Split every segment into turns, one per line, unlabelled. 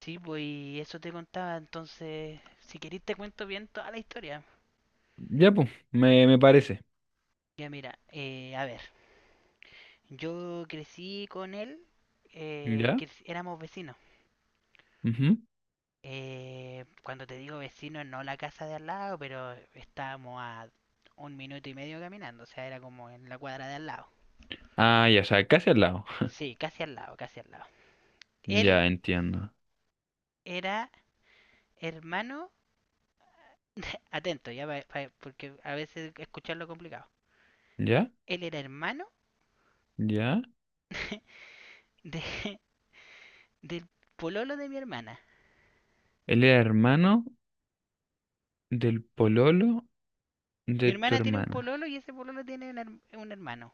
Sí, pues y eso te contaba, entonces, si querés te cuento bien toda la historia.
Ya, pues, me parece.
Ya mira, a ver, yo crecí con él,
¿Ya?
éramos vecinos.
Ujú.
Cuando te digo vecinos, no la casa de al lado, pero estábamos a 1 minuto y medio caminando, o sea, era como en la cuadra de al lado.
Ah, ya, o sea, casi al lado.
Sí, casi al lado, casi al lado.
Ya,
Él
entiendo.
era hermano, atento, ya, porque a veces escucharlo es complicado.
¿Ya?
Él era hermano
¿Ya?
de, Del pololo de mi hermana.
Él era hermano del pololo
Mi
de tu
hermana tiene un
hermana.
pololo y ese pololo tiene un hermano.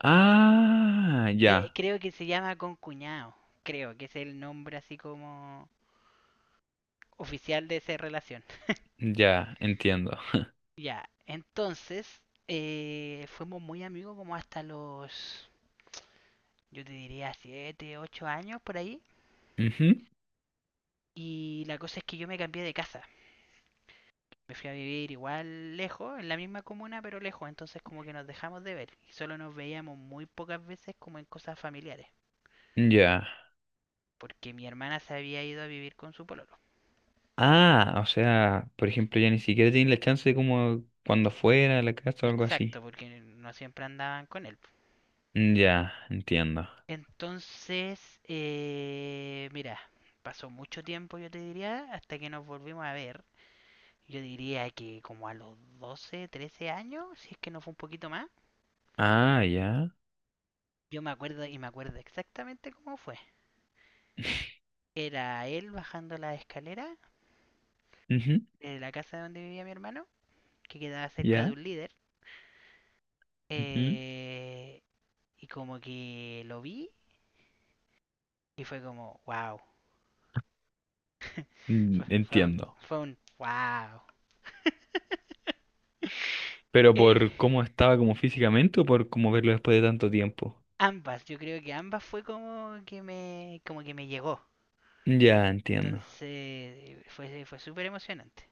Ah, ya,
Creo que se llama concuñado. Creo que es el nombre así como oficial de esa relación.
ya, entiendo.
Ya, entonces fuimos muy amigos como hasta los, yo te diría, 7, 8 años por ahí.
Ujú.
Y la cosa es que yo me cambié de casa. Me fui a vivir igual lejos, en la misma comuna, pero lejos. Entonces como que nos dejamos de ver. Y solo nos veíamos muy pocas veces como en cosas familiares,
Ya.
porque mi hermana se había ido a vivir con su pololo.
Ah, o sea, por ejemplo, ya ni siquiera tiene la chance de como cuando fuera a la casa o algo
Exacto,
así.
porque no siempre andaban con él.
Ya, entiendo.
Entonces, mira, pasó mucho tiempo, yo te diría, hasta que nos volvimos a ver. Yo diría que como a los 12, 13 años, si es que no fue un poquito más.
Ah, ya.
Yo me acuerdo y me acuerdo exactamente cómo fue. Era él bajando la escalera
Ujú.
de la casa donde vivía mi hermano, que quedaba cerca de
Ya.
un líder.
Ujú.
eh, y como que lo vi y fue como wow. Fue, un,
Entiendo.
Fue un wow.
¿Pero
Eh,
por cómo estaba como físicamente o por cómo verlo después de tanto tiempo?
Ambas, yo creo que ambas fue como que me, llegó.
Ya, entiendo.
Entonces fue súper emocionante.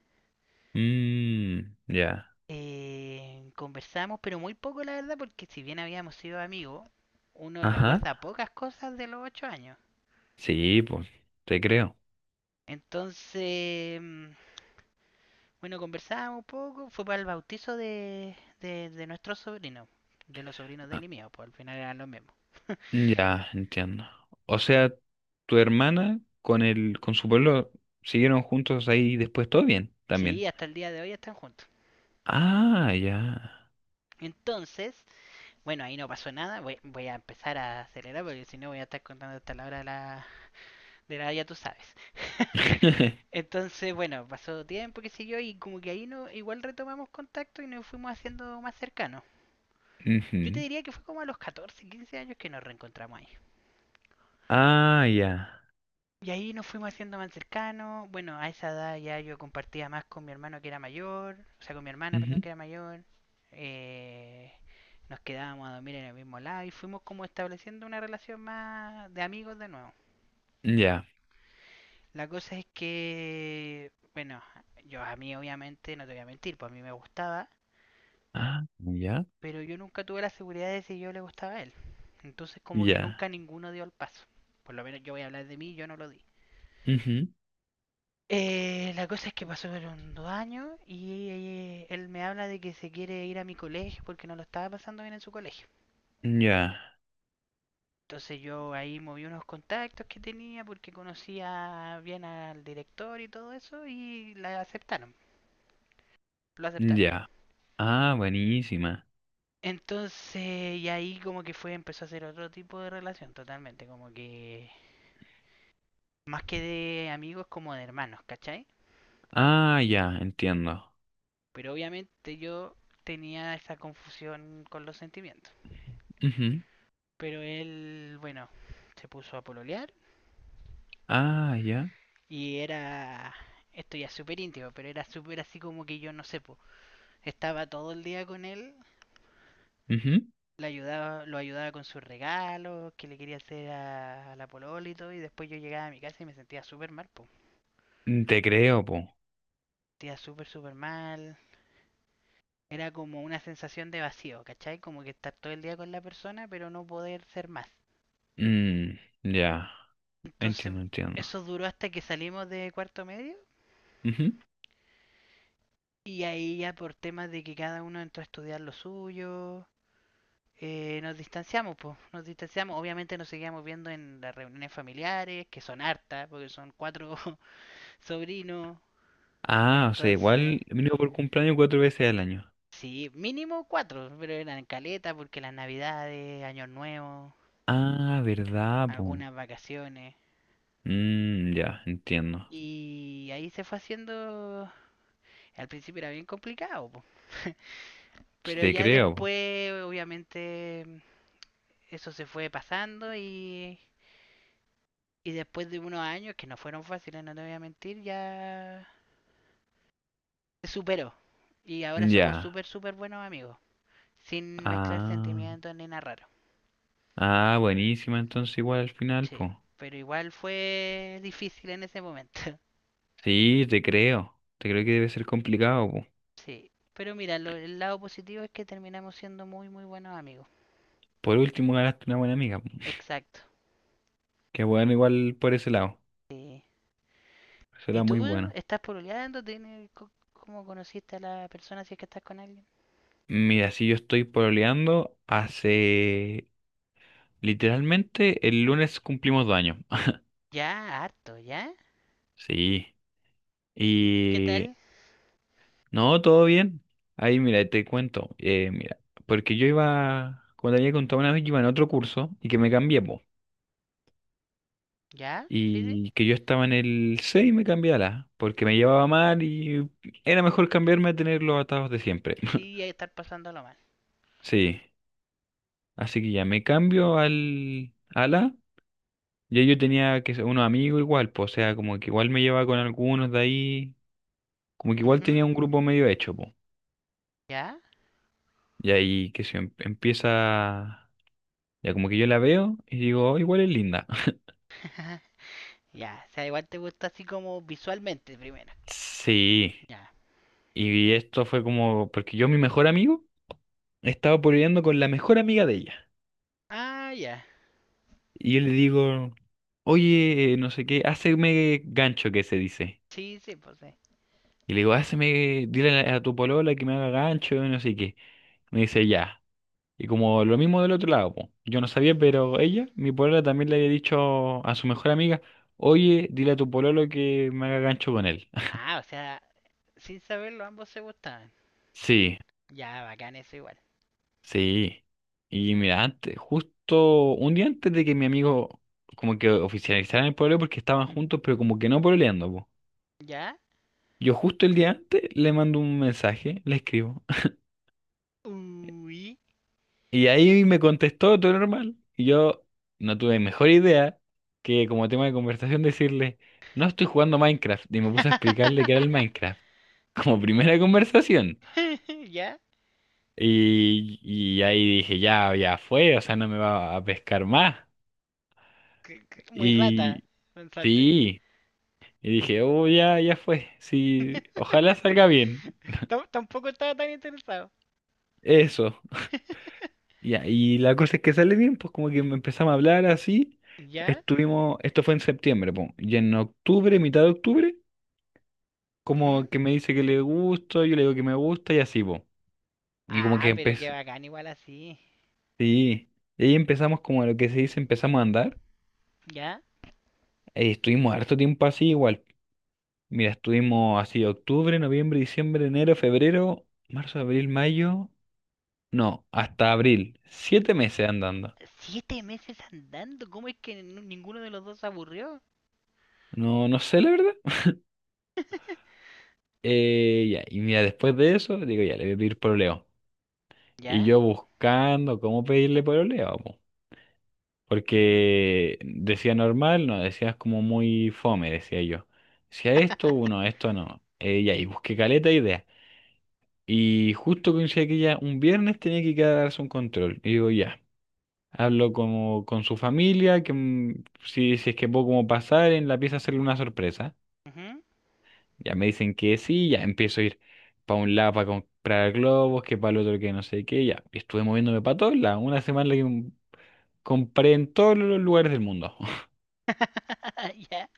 Mmm, ya.
Conversamos, pero muy poco la verdad, porque si bien habíamos sido amigos, uno
Ajá.
recuerda pocas cosas de los 8 años.
Sí, pues, te creo.
Entonces, bueno, conversábamos un poco, fue para el bautizo de nuestro sobrino, de los sobrinos de
Ah,
él y mío, pues al final eran los mismos.
ya, entiendo. O sea, tu hermana con su pueblo siguieron juntos ahí después todo bien,
Sí,
también.
hasta el día de hoy están juntos.
Ah, ya.
Entonces, bueno, ahí no pasó nada. Voy a empezar a acelerar porque si no voy a estar contando hasta la hora de la ya tú sabes. Entonces, bueno, pasó tiempo que siguió y como que ahí no, igual retomamos contacto y nos fuimos haciendo más cercanos. Yo te
Ujú.
diría que fue como a los 14, 15 años que nos reencontramos ahí.
Ah, ya.
Y ahí nos fuimos haciendo más cercanos. Bueno, a esa edad ya yo compartía más con mi hermano que era mayor, o sea, con mi hermana, perdón,
Ujú.
que era mayor. Eh, Nos quedábamos a dormir en el mismo lado y fuimos como estableciendo una relación más de amigos de nuevo.
Ya.
La cosa es que, bueno, yo a mí obviamente, no te voy a mentir, pues a mí me gustaba,
Ah, ya.
pero yo nunca tuve la seguridad de si yo le gustaba a él. Entonces como que
Ya.
nunca ninguno dio el paso. Por lo menos yo voy a hablar de mí, yo no lo di.
Ujú.
La cosa es que pasaron 2 años y él me habla de que se quiere ir a mi colegio porque no lo estaba pasando bien en su colegio.
Ya.
Entonces yo ahí moví unos contactos que tenía porque conocía bien al director y todo eso y la aceptaron, lo aceptaron.
Ya. Ah, buenísima.
Entonces, y ahí como que fue, empezó a ser otro tipo de relación totalmente, como que más que de amigos como de hermanos, ¿cachai?
Ah, ya, entiendo.
Pero obviamente yo tenía esa confusión con los sentimientos.
Ujú.
Pero él, bueno, se puso a pololear
Ah, ya.
y era, esto ya es súper íntimo, pero era súper así como que yo no sé, po, estaba todo el día con él,
Ujú.
le ayudaba, lo ayudaba con sus regalos, que le quería hacer a la polola y todo, y después yo llegaba a mi casa y me sentía súper mal, po. Me
Mm, te creo, po.
sentía súper, súper mal. Era como una sensación de vacío, ¿cachai? Como que estar todo el día con la persona, pero no poder ser más.
Mm, ya,
Entonces,
entiendo, entiendo.
eso duró hasta que salimos de cuarto medio,
Ujú.
y ahí ya por temas de que cada uno entró a estudiar lo suyo, nos distanciamos, pues, nos distanciamos. Obviamente nos seguíamos viendo en las reuniones familiares, que son hartas, porque son cuatro sobrinos.
Ah, o sea,
Entonces,
igual mínimo por cumpleaños 4 veces al año.
sí, mínimo cuatro, pero eran caleta porque las navidades, años nuevos,
Ah, verdad, po.
algunas vacaciones.
Mm, ya, entiendo.
Y ahí se fue haciendo, al principio era bien complicado, po.
Sí,
Pero
te
ya
creo, po.
después, obviamente, eso se fue pasando y después de unos años, que no fueron fáciles, no te voy a mentir, ya se superó. Y ahora somos
Ya.
súper, súper buenos amigos, sin mezclar
Ah,
sentimientos ni narrar.
ah, buenísima entonces igual al final,
Sí,
po.
pero igual fue difícil en ese momento.
Sí, te creo. Te creo que debe ser complicado, po.
Sí, pero mira, el lado positivo es que terminamos siendo muy, muy buenos amigos.
Por último, ganaste una buena amiga, po.
Exacto.
Qué bueno igual por ese lado.
Sí.
Eso era
¿Y
muy
tú
bueno.
estás pololeando? ¿Cómo conociste a la persona si es que estás con alguien?
Mira, si yo estoy pololeando hace, literalmente, el lunes cumplimos 2 años.
Ya, harto, ¿ya?
Sí.
¿Y qué
Y...
tal?
No, todo bien. Ahí, mira, te cuento. Mira, porque yo iba, como te había contado una vez, yo iba en otro curso y que me cambié, po.
¿Ya? Sí, sí.
Y que yo estaba en el C y me cambié a la A, porque me llevaba mal y era mejor cambiarme a tener los atados de siempre.
Sí, hay que estar pasándolo mal.
Sí. Así que ya me cambio al, ala. Ya yo tenía que ser unos amigos igual, pues, o sea, como que igual me llevaba con algunos de ahí, como que igual
Ujú.
tenía un grupo medio hecho, pues.
¿Ya?
Y ahí que se empieza, ya como que yo la veo y digo, "Oh, igual es linda".
Ya, o sea, igual te gusta así como visualmente primero.
Sí,
Ya.
y esto fue como, porque yo mi mejor amigo estaba pololeando con la mejor amiga de ella.
Ah, ya.
Y yo le digo, oye, no sé qué, háceme gancho que se dice.
Sí, sí, pues sí.
Y le digo, háceme, dile a tu polola que me haga gancho, no sé qué. Me dice, ya. Y como lo mismo del otro lado, po. Yo no sabía, pero ella, mi polola, también le había dicho a su mejor amiga, oye, dile a tu pololo que me haga gancho con él.
Ah, o sea, sin saberlo, ambos se gustaban.
Sí,
Ya, bacán eso igual.
sí. Y mira, antes, justo un día antes de que mi amigo como que oficializaran el pololeo porque estaban juntos, pero como que no pololeando, po.
¿Ya?
Yo justo el día antes le mando un mensaje, le escribo.
Uy.
Y ahí me contestó todo normal. Y yo no tuve mejor idea que como tema de conversación decirle, no estoy jugando Minecraft. Y me puse a explicarle qué era el Minecraft. Como primera conversación.
¿Ya?
Y ahí dije, ya, ya fue, o sea, no me va a pescar más.
Muy rata,
Y
pensaste.
sí, y dije, oh, ya, ya fue. Sí, ojalá salga bien.
Tampoco estaba tan interesado.
Eso. Ya, y la cosa es que sale bien, pues como que me empezamos a hablar así.
¿Ya?
Estuvimos, esto fue en septiembre, pues, y en octubre, mitad de octubre,
Ujú.
como que me dice que le gusto, yo le digo que me gusta y así, pues. Y como que
Ah, pero qué
empecé,
bacán igual así.
sí, y ahí empezamos como lo que se dice, empezamos a andar.
¿Ya?
Y estuvimos harto tiempo así igual. Mira, estuvimos así octubre, noviembre, diciembre, enero, febrero, marzo, abril, mayo, no, hasta abril. 7 meses andando.
7 meses andando, ¿cómo es que ninguno de los dos se aburrió?
No, no sé la verdad. Ya, y mira, después de eso, digo, ya, le voy a pedir pololeo. Y
¿Ya?
yo buscando cómo pedirle pololeo, po.
Ujú.
Porque decía normal, no, decías como muy fome, decía yo. Decía esto, uno, esto no. Ya, y busqué caleta de idea. Y justo coincidía que ya un viernes tenía que ir a darse un control. Y digo, ya, hablo como con su familia, que si es que puedo como pasar en la pieza hacerle una sorpresa.
Ujú.
Ya me dicen que sí, ya empiezo a ir para un lado para comprar globos, que para el otro que no sé qué, ya. Y estuve moviéndome para todos lados, una semana que compré en todos los lugares del mundo.
¿Ya?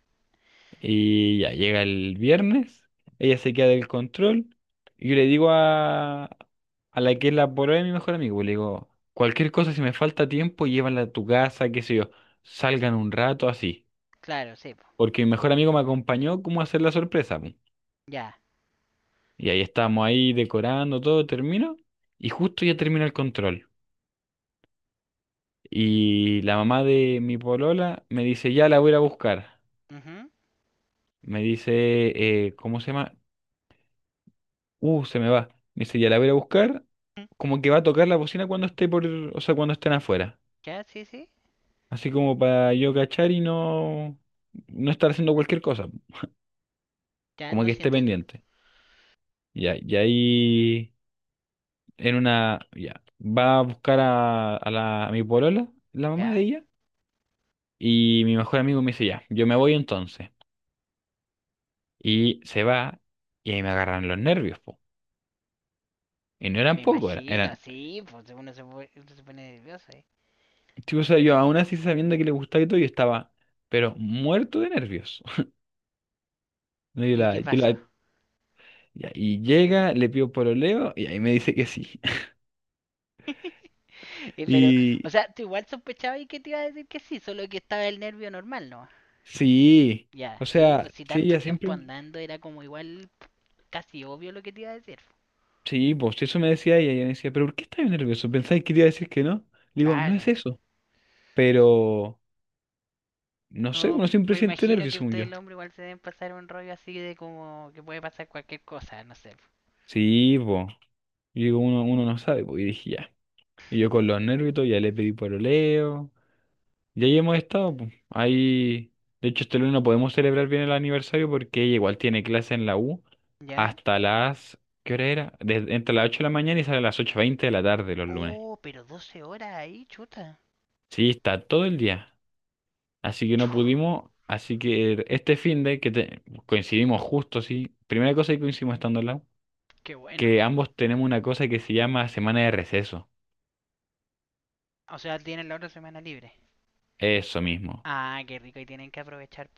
Y ya llega el viernes, ella se queda del control, y yo le digo a la que es la polola de mi mejor amigo, le digo, cualquier cosa, si me falta tiempo, llévala a tu casa, qué sé yo, salgan un rato así.
Claro, sí, po.
Porque mi mejor amigo me acompañó como a hacer la sorpresa.
Ya.
Y ahí estábamos ahí decorando, todo termino. Y justo ya termina el control. Y la mamá de mi polola me dice, ya la voy a ir a buscar.
Ujú,
Me dice, ¿cómo se llama? Se me va. Me dice, ya la voy a ir a buscar.
ujú.
Como que va a tocar la bocina cuando esté por, o sea, cuando estén afuera.
Ya, sí, sí.
Así como para yo cachar y no estar haciendo cualquier cosa.
Ya
Como
no,
que
sí
esté
entiendo.
pendiente. Ya, y ahí en una, ya, va a buscar a mi polola, la mamá de
Ya,
ella. Y mi mejor amigo me dice, ya, yo me voy entonces. Y se va y ahí me agarran los nervios, po. Y no
me
eran pocos,
imagino,
eran.
sí, pues uno se pone nervioso, ¿eh?
Tipo, o sea, yo aún así sabiendo que le gustaba y todo, yo estaba, pero muerto de nervios. Y
¿Y qué pasó?
ya, y llega, le pido pololeo y ahí me dice que sí.
Y pero, o
Y
sea, tú igual sospechabas y que te iba a decir que sí, solo que estaba el nervio normal, ¿no?
sí,
Ya,
o
sí,
sea,
pues si
sí,
tanto
ella
tiempo
siempre,
andando era como igual casi obvio lo que te iba a decir.
sí, pues sí, eso me decía ella, y ella me decía, pero ¿por qué estás nervioso? ¿Pensáis que te iba a decir que no? Le digo, no es
Claro.
eso, pero no sé,
No,
uno siempre
me
siente
imagino
nervios,
que
según
ustedes
yo.
el hombre igual se deben pasar un rollo así de como que puede pasar cualquier cosa, no sé.
Sí, po. Y digo, uno no sabe, pues, y dije, ya. Y yo con los nervios y todo, ya le pedí pololeo. Y ahí hemos estado, pues. Ahí, de hecho, este lunes no podemos celebrar bien el aniversario porque ella igual tiene clase en la U
¿Ya?
hasta las, ¿qué hora era? Desde, entre las 8 de la mañana y sale a las 8:20 de la tarde los lunes.
Oh, pero 12 horas ahí, chuta.
Sí, está todo el día. Así que
Chu,
no pudimos, así que este fin de que coincidimos justo, sí. Primera cosa que coincidimos estando en la U,
qué bueno.
que ambos tenemos una cosa que se llama semana de receso.
O sea, tienen la otra semana libre.
Eso mismo.
Ah, qué rico, y tienen que aprovechar.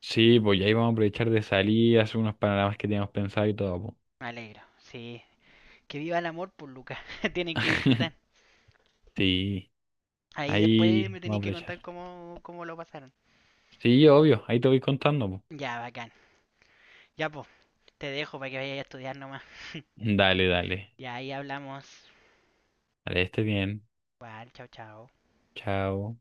Sí, pues y ahí vamos a aprovechar de salir, hacer unos panoramas que teníamos pensado y todo, po.
Me alegro, sí. Que viva el amor, pues, Lucas. Tienen que disfrutar.
Sí,
Ahí después
ahí
me
vamos a
tenéis que
aprovechar.
contar cómo lo pasaron.
Sí, obvio, ahí te voy contando, po.
Ya, bacán. Ya, pues, te dejo para que vayas a estudiar nomás.
Dale, dale.
Y ahí hablamos.
Dale, esté bien.
Igual, chao, chao.
Chao.